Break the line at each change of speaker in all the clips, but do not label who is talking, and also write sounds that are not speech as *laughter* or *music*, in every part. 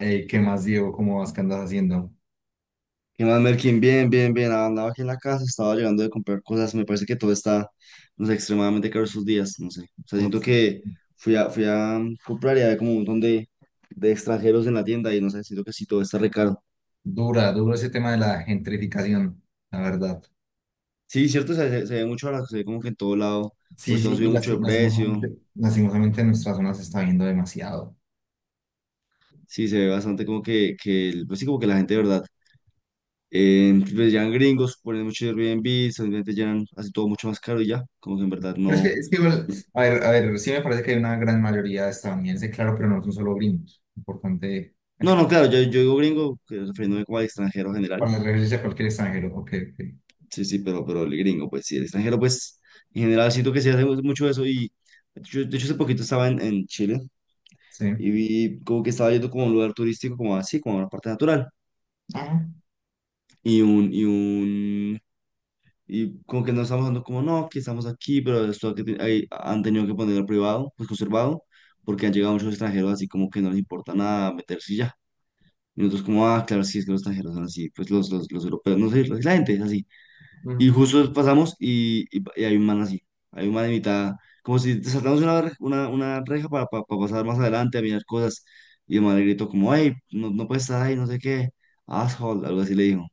¿Qué más, Diego? ¿Cómo vas? ¿Qué andas haciendo?
¿Qué más, Merkin? Bien, bien, bien. Andaba aquí en la casa, estaba llegando de comprar cosas. Me parece que todo está, no sé, extremadamente caro estos días, no sé. O sea,
Duro.
siento que fui a comprar y había como un montón de extranjeros en la tienda y no sé, siento que sí, todo está re caro.
Dura, duro ese tema de la gentrificación, la verdad.
Sí, cierto, se ve mucho ahora, se ve como que en todo lado,
Sí,
pues todo
sí,
ha subido mucho de precio.
lastimosamente, lastimosamente en nuestra zona se está viendo demasiado.
Sí, se ve bastante como que pues sí, como que la gente, de ¿verdad? Pues llegan gringos, ponen mucho Airbnb, simplemente llenan así todo mucho más caro y ya, como que en verdad
Pero es que,
no.
es que igual, a ver, sí me parece que hay una gran mayoría de estadounidenses, claro, pero no son solo gringos. Importante
No,
aclarar
no, claro, yo digo gringo, que refiriéndome como al extranjero en general.
para referirse a cualquier extranjero. Ok, ok,
Sí, sí, pero el gringo, pues sí, el extranjero, pues en general siento que se hace mucho eso. Y yo, de hecho, hace poquito estaba en Chile
sí.
y vi como que estaba yendo como a un lugar turístico, como así, como a una parte natural.
Ajá,
Y un, y un, y como que nos estamos dando como, no, que estamos aquí, pero esto ahí han tenido que ponerlo privado, pues conservado, porque han llegado muchos extranjeros así como que no les importa nada meterse y ya. Y nosotros como, ah, claro, sí, es que los extranjeros son así, pues los europeos, no sé, la gente es así. Y
ujú.
justo pasamos y hay un man así, hay un man de mitad, como si saltamos una reja para pasar más adelante a mirar cosas. Y el man le gritó como, hey, no, no puedes estar ahí, no sé qué, asshole, algo así le dijo.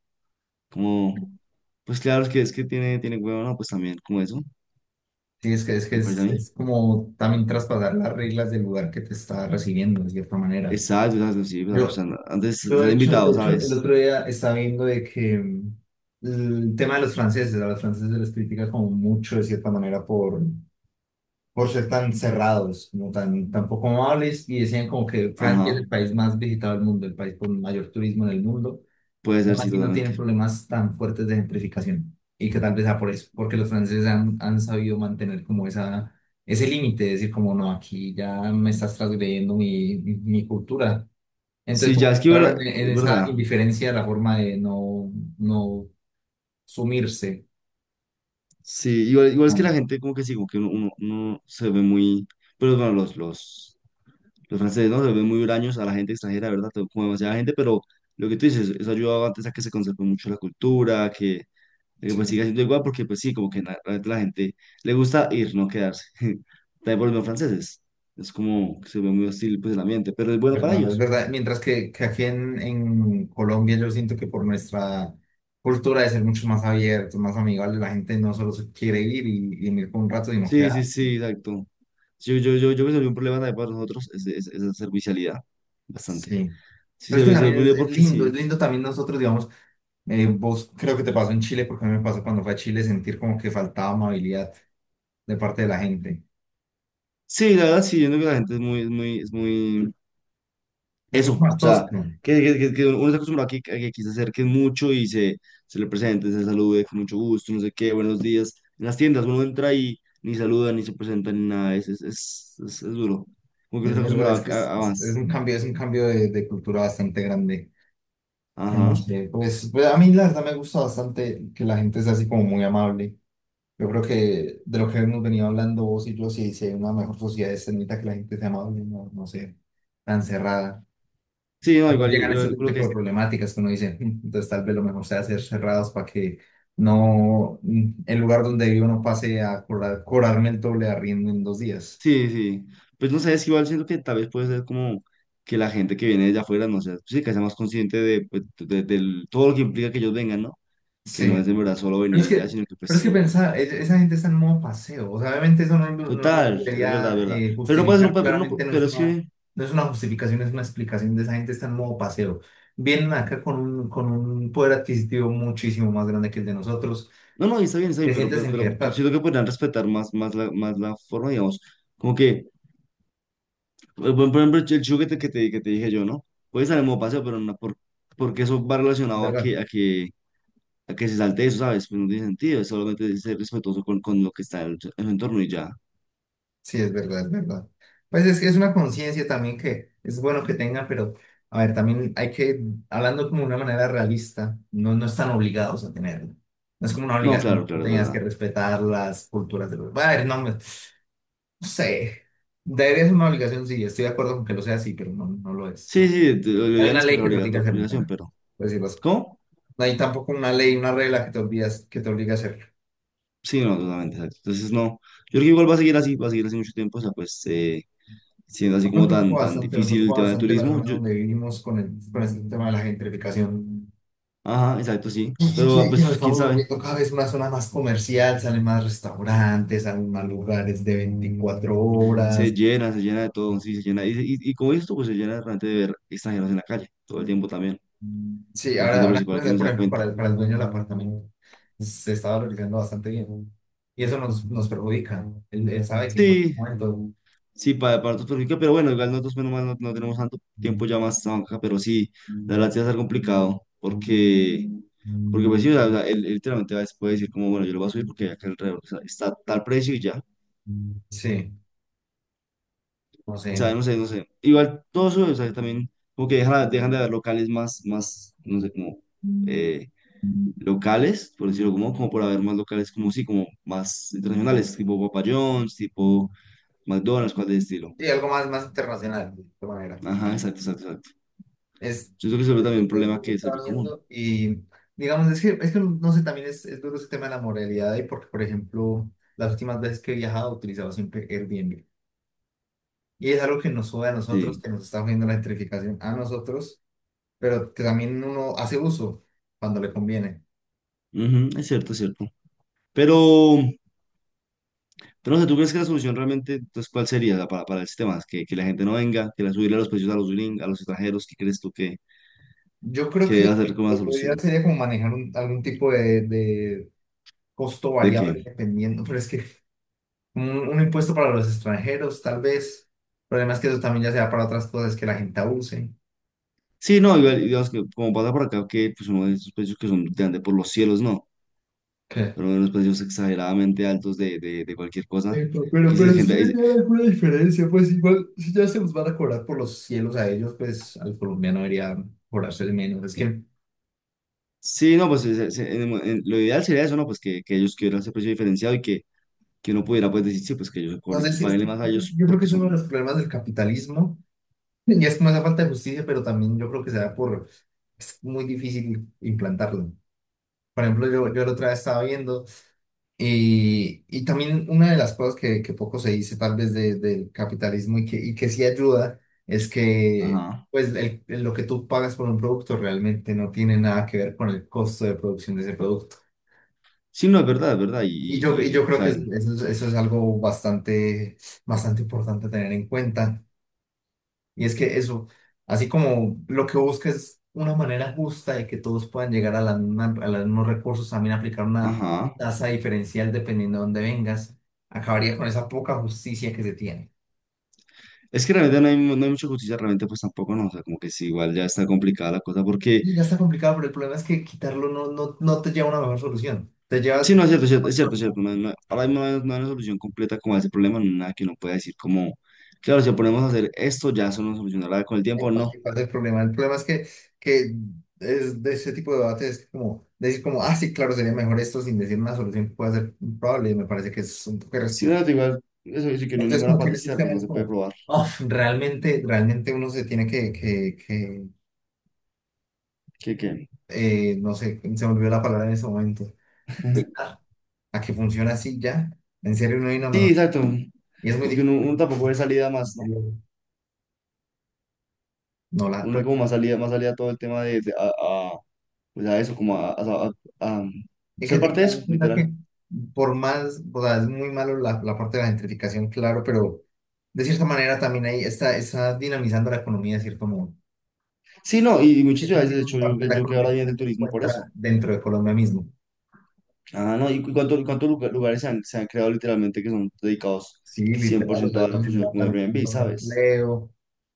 Como, pues claro, es que tiene huevo, no, pues también, como eso,
Sí, es que, es que
me parece a
es,
mí.
es como también traspasar las reglas del lugar que te está recibiendo, de cierta manera.
Exacto, exacto, sí, pues,
Yo,
antes
Yo,
se han invitado,
de hecho, el
¿sabes?
otro día estaba viendo de que el tema de los franceses, a los franceses se les critica como mucho, de cierta manera, por ser tan cerrados, como tan, tan poco amables, y decían como que Francia es
Ajá,
el país más visitado del mundo, el país con mayor turismo en el mundo,
puede ser,
aún
sí,
así no
totalmente.
tienen problemas tan fuertes de gentrificación. Y que tal vez sea por eso, porque los franceses han, han sabido mantener como esa, ese límite, es decir como no, aquí ya me estás transgrediendo mi, mi cultura. Entonces,
Sí,
como
ya
que
es que
claro, en,
igual,
en
es
esa
verdad,
indiferencia, la forma de no, no sumirse.
sí, igual, es que
¿No?
la gente como que sí, como que uno se ve muy. Pero bueno, los franceses no se ven muy huraños a la gente extranjera, ¿verdad? Como demasiada gente, pero lo que tú dices, eso ha ayudado antes a que se conserve mucho la cultura, de que pues siga
Sí,
siendo igual, porque pues sí, como que realmente la gente le gusta ir, no quedarse. *laughs* También por los mismos franceses. Es como que se ve muy hostil pues el ambiente, pero es bueno para
¿verdad? Es
ellos.
verdad. Mientras que aquí en Colombia yo siento que por nuestra cultura de ser mucho más abiertos más amigables la gente no solo se quiere ir y venir por un rato, sino
Sí, sí,
quedarse.
sí, exacto. Yo creo que un problema también para nosotros es la servicialidad, bastante.
Sí,
Sí,
pero
se
es que
ve, se ve
también
muy bien porque sí.
es lindo también nosotros, digamos, vos creo que te pasó en Chile, porque a mí me pasó cuando fue a Chile sentir como que faltaba amabilidad de parte de la gente.
Sí, la verdad, sí, yo creo que la gente es muy, es muy, es muy.
Es mucho
Eso, o
más
sea,
tosco,
uno se acostumbra a que aquí se acerquen mucho y se le presenten, se salude con mucho gusto, no sé qué, buenos días. En las tiendas uno entra y ni saluda, ni se presenta, ni nada, es duro. Como que uno
es
está
verdad,
acostumbrado a, a- a más.
es un cambio de cultura bastante grande. En la
Ajá.
que, pues, pues a mí la verdad me gusta bastante que la gente sea así como muy amable. Yo creo que de lo que hemos venido hablando vos y yo, si, si hay una mejor sociedad es en mitad que la gente sea amable, no, no sé, tan cerrada.
Sí, no,
También
igual,
llegan ese
creo que
tipo de problemáticas que uno dice, "Mm, entonces tal vez lo mejor sea hacer cerrados para que no el lugar donde vivo no pase a cobrar, cobrarme el doble de arriendo en 2 días".
sí, sí. Pues no sé, es que igual siento que tal vez puede ser como que la gente que viene de afuera, no sé, sí, que sea más consciente pues, todo lo que implica que ellos vengan, ¿no? Que no es
Sí.
de verdad solo
Pero
venir
es
y ya,
que,
sino que pues
pero es que
sí.
pensar, esa gente está en modo paseo. O sea, obviamente eso no
Total, es verdad, es
debería
verdad. Pero no puede ser un
justificar.
pero no,
Claramente no es
pero
una,
sí.
no es una justificación, es una explicación de esa gente está en modo paseo. Vienen acá con un poder adquisitivo muchísimo más grande que el de nosotros.
No, no, y está
Te
bien, pero,
sientes
pero,
en
pero yo
libertad,
siento que podrían respetar más, más la forma, digamos. Como que, por ejemplo, el juguete que te dije yo, ¿no? Puede salir como paseo, pero no, porque eso va relacionado a que,
¿verdad?
a que se salte eso, ¿sabes? Pues no tiene sentido, es solamente ser respetuoso con lo que está en el entorno y ya.
Sí, es verdad, es verdad. Pues es que es una conciencia también que es bueno que tengan, pero a ver, también hay que, hablando como de una manera realista, no, no están obligados a tenerlo. No es como una
No, claro,
obligación, que
claro, es
tengas
verdad.
que respetar las culturas de los... A ver, no, no sé, debería ser una obligación, sí, estoy de acuerdo con que lo sea así, pero no, no lo es,
Sí,
no.
sí, lo
No hay
ideal
una
es que
ley
fuera
que te obliga a hacerlo,
obligación,
también,
pero.
por decirlo así.
¿Cómo?
No hay tampoco una ley, una regla que te obligas, que te obliga a hacerlo.
Sí, no, totalmente, exacto. Entonces, no, yo creo que igual va a seguir así, va a seguir así mucho tiempo, o sea, pues siendo así como tan, tan
Me
difícil el
preocupa
tema del
bastante la
turismo,
zona
yo,
donde vivimos con el, con este tema de la gentrificación.
ajá, exacto, sí,
Y
pero ah,
que nos
pues quién
estamos
sabe,
volviendo cada vez una zona más comercial, salen más restaurantes, salen más lugares de 24 horas.
se llena de todo, sí, se llena, y como esto, pues se llena realmente de ver extranjeros en la calle, todo el tiempo también,
Sí,
que eso es
ahora,
lo
ahora
principal que uno se
por
da
ejemplo,
cuenta.
para el dueño del apartamento, pues, se está valorizando bastante bien, ¿no? Y eso nos, nos perjudica. Él sabe que en cualquier
Sí,
momento,
sí, para otros perjudica, pero bueno, igual nosotros menos mal no, no tenemos tanto tiempo ya más esta banca, pero sí, la verdad sí va a ser complicado, porque, pues sí, o sea, él literalmente va, puede decir como, bueno, yo lo voy a subir porque acá alrededor está tal precio y ya, o
sí, no
sea,
sé.
no sé, igual todo sube, o sea, también como que dejan de haber locales más, más no sé, como eh, locales, por decirlo como por haber más locales como sí, como más internacionales, tipo Papa John's, tipo McDonald's, cosas de estilo.
Sí, algo más, más internacional, de esta manera.
Ajá, exacto, exacto, exacto.
Es,
Yo creo que se ve
lo
también un problema que se ve
estaba
como.
viendo y digamos, es que no sé, también es duro ese tema de la moralidad y porque, por ejemplo, las últimas veces que he viajado he utilizado siempre Airbnb. Y es algo que nos sube a nosotros,
Sí,
que nos está viendo la gentrificación a nosotros, pero que también uno hace uso cuando le conviene.
ujú, es cierto, es cierto. Pero, pero no sé, ¿tú crees que la solución realmente, entonces, cuál sería para el sistema? ¿Que la gente no venga, que la subirle los precios a los gringos, a los extranjeros? ¿Qué crees tú que,
Yo creo
que
que
debe hacer como una
lo ideal
solución?
sería como manejar algún tipo de costo
¿De
variable
qué?
dependiendo, pero es que un impuesto para los extranjeros, tal vez. El problema es que eso también ya sea para otras cosas que la gente abuse.
Sí, no, igual, digamos que como pasa por acá, que pues uno de esos precios que son de ande por los cielos, no,
Que
pero unos precios exageradamente altos de cualquier cosa.
pero,
Que si es
pero sí
gente,
venía alguna diferencia, pues igual, si ya se los van a cobrar por los cielos a ellos, pues al colombiano debería cobrarse el menos. Es que,
sí, no, pues en el mo- en- lo ideal sería eso, ¿no? Pues que ellos quieran ese precio diferenciado y que uno pudiera pues decir, sí, pues que ellos
no
cobren,
sé
que
si es que
paguenle más a ellos
yo creo que
porque
es uno de los
son.
problemas del capitalismo, y es como esa falta de justicia, pero también yo creo que se da por, es muy difícil implantarlo. Por ejemplo, yo la otra vez estaba viendo. Y también una de las cosas que poco se dice tal vez del capitalismo y que sí ayuda es que
Ajá.
pues lo que tú pagas por un producto realmente no tiene nada que ver con el costo de producción de ese producto.
Sí, no, es verdad, es verdad.
Y yo, y yo
O
creo que
sea,
eso, eso es algo bastante, bastante importante a tener en cuenta. Y es que eso, así como lo que busca es una manera justa de que todos puedan llegar a, a los mismos recursos, también aplicar una
ajá.
tasa diferencial dependiendo de dónde vengas, acabaría con esa poca justicia que se tiene.
Es que realmente no hay mucha justicia, realmente, pues tampoco, no. O sea, como que sí, igual ya está complicada la cosa, porque
Y ya está complicado, pero el problema es que quitarlo no, no te lleva a una mejor solución. Te
sí,
lleva...
no, es cierto, es cierto, es cierto. Es cierto, no, ahora mismo no hay una solución completa como a ese problema, no hay nada que uno pueda decir, como, claro, si ponemos a hacer esto, ya eso nos solucionará con el tiempo, no.
Ahí pasa el problema. El problema es que es de ese tipo de debates es como decir como, ah, sí, claro, sería mejor esto sin decir una solución que pueda ser probable. Me parece que es un poco
Sí,
irresponsable.
no, igual, eso dice que no hay
Entonces,
ninguna
como que
para
en esos
testear, pues no
temas,
se puede
como,
probar.
uf, realmente, realmente uno se tiene que
¿Qué, qué?
no sé, se me olvidó la palabra en ese momento.
*laughs*
Adaptar. A que funciona así ya. En serio, no hay nada
Sí,
mejor.
exacto.
Y es muy
Porque uno,
difícil.
uno tampoco ve salida más, ¿no?
No la,
Uno ve
pues,
como más salida a todo el tema a, pues a eso, como a
es que
ser parte de eso,
también piensa que
literal.
por más, o sea, es muy malo la, la parte de la gentrificación, claro, pero de cierta manera también ahí está, está dinamizando la economía de cierto modo.
Sí, no, y muchas
Es un
ciudades, de hecho,
dinamizador
yo,
de la
yo que ahora
economía
viene del
que se
turismo por
encuentra
eso.
dentro de Colombia mismo.
Ah, no, ¿y cuántos lugares se han creado literalmente que son dedicados
Sí,
cien por
literal, o sea,
ciento a
eso
la función
genera
como
también un
Airbnb,
montón de
¿sabes?
empleo.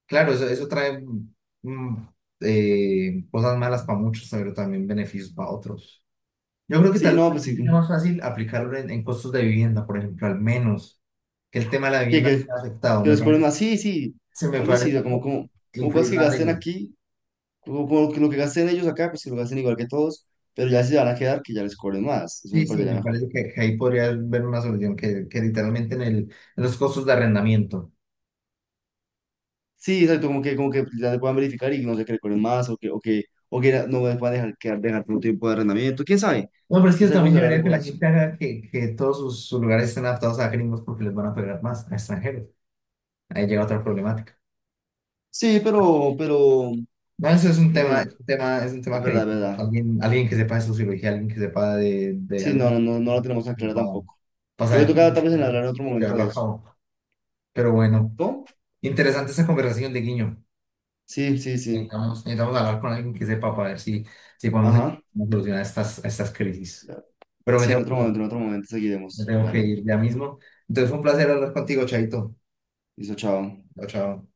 Claro, eso trae mm, cosas malas para muchos, pero también beneficios para otros. Yo creo que
Sí,
tal vez
no, pues
también sería
sí,
más fácil aplicarlo en costos de vivienda, por ejemplo, al menos que el tema de la
que,
vivienda no
que,
sea afectado.
que
Me
los ponen
parece,
más, sí, sí,
se me
tal vez sí,
parece
o sea,
más
como, como,
fácil
como cosas
incluir
que
una
gasten
regla.
aquí, como que lo que gasten ellos acá, pues que lo gasten igual que todos, pero ya si se van a quedar, que ya les cobren más, eso
Sí,
me
sí,
parecería
me
mejor.
parece que ahí podría haber una solución que literalmente en el, en los costos de arrendamiento.
Sí, exacto, como que ya se puedan verificar y no sé, que recuerden más o que, no les puedan dejar, quedar, dejar por un tiempo de arrendamiento,
No, pero es que
quién sabe cómo
también
será la
llevaría que la
regulación.
gente haga que todos sus, sus lugares estén adaptados a gringos porque les van a pegar más a extranjeros. Ahí llega otra problemática.
Sí, pero,
No, eso es un tema,
bueno,
es un tema, es un
es
tema que
verdad, es
necesitamos.
verdad.
Alguien, alguien que sepa de sociología, alguien que sepa de
Sí, no, no,
algún
no, no lo tenemos tan claro
para,
tampoco.
para
Yo creo que
saber
toca
cómo
tal vez en hablar en otro
cómo
momento
llevarlo
de
a
eso.
cabo. Pero bueno,
¿No?
interesante esa conversación de Guiño.
Sí, sí, sí.
Necesitamos, necesitamos hablar con alguien que sepa para ver si, si podemos
Ajá.
solucionar estas, estas crisis. Pero me
Sí,
tengo que ir,
en otro momento
me
seguiremos.
tengo que
Dale.
ir ya mismo. Entonces fue un placer hablar contigo, Chaito.
Listo, chao.
Chao, chao.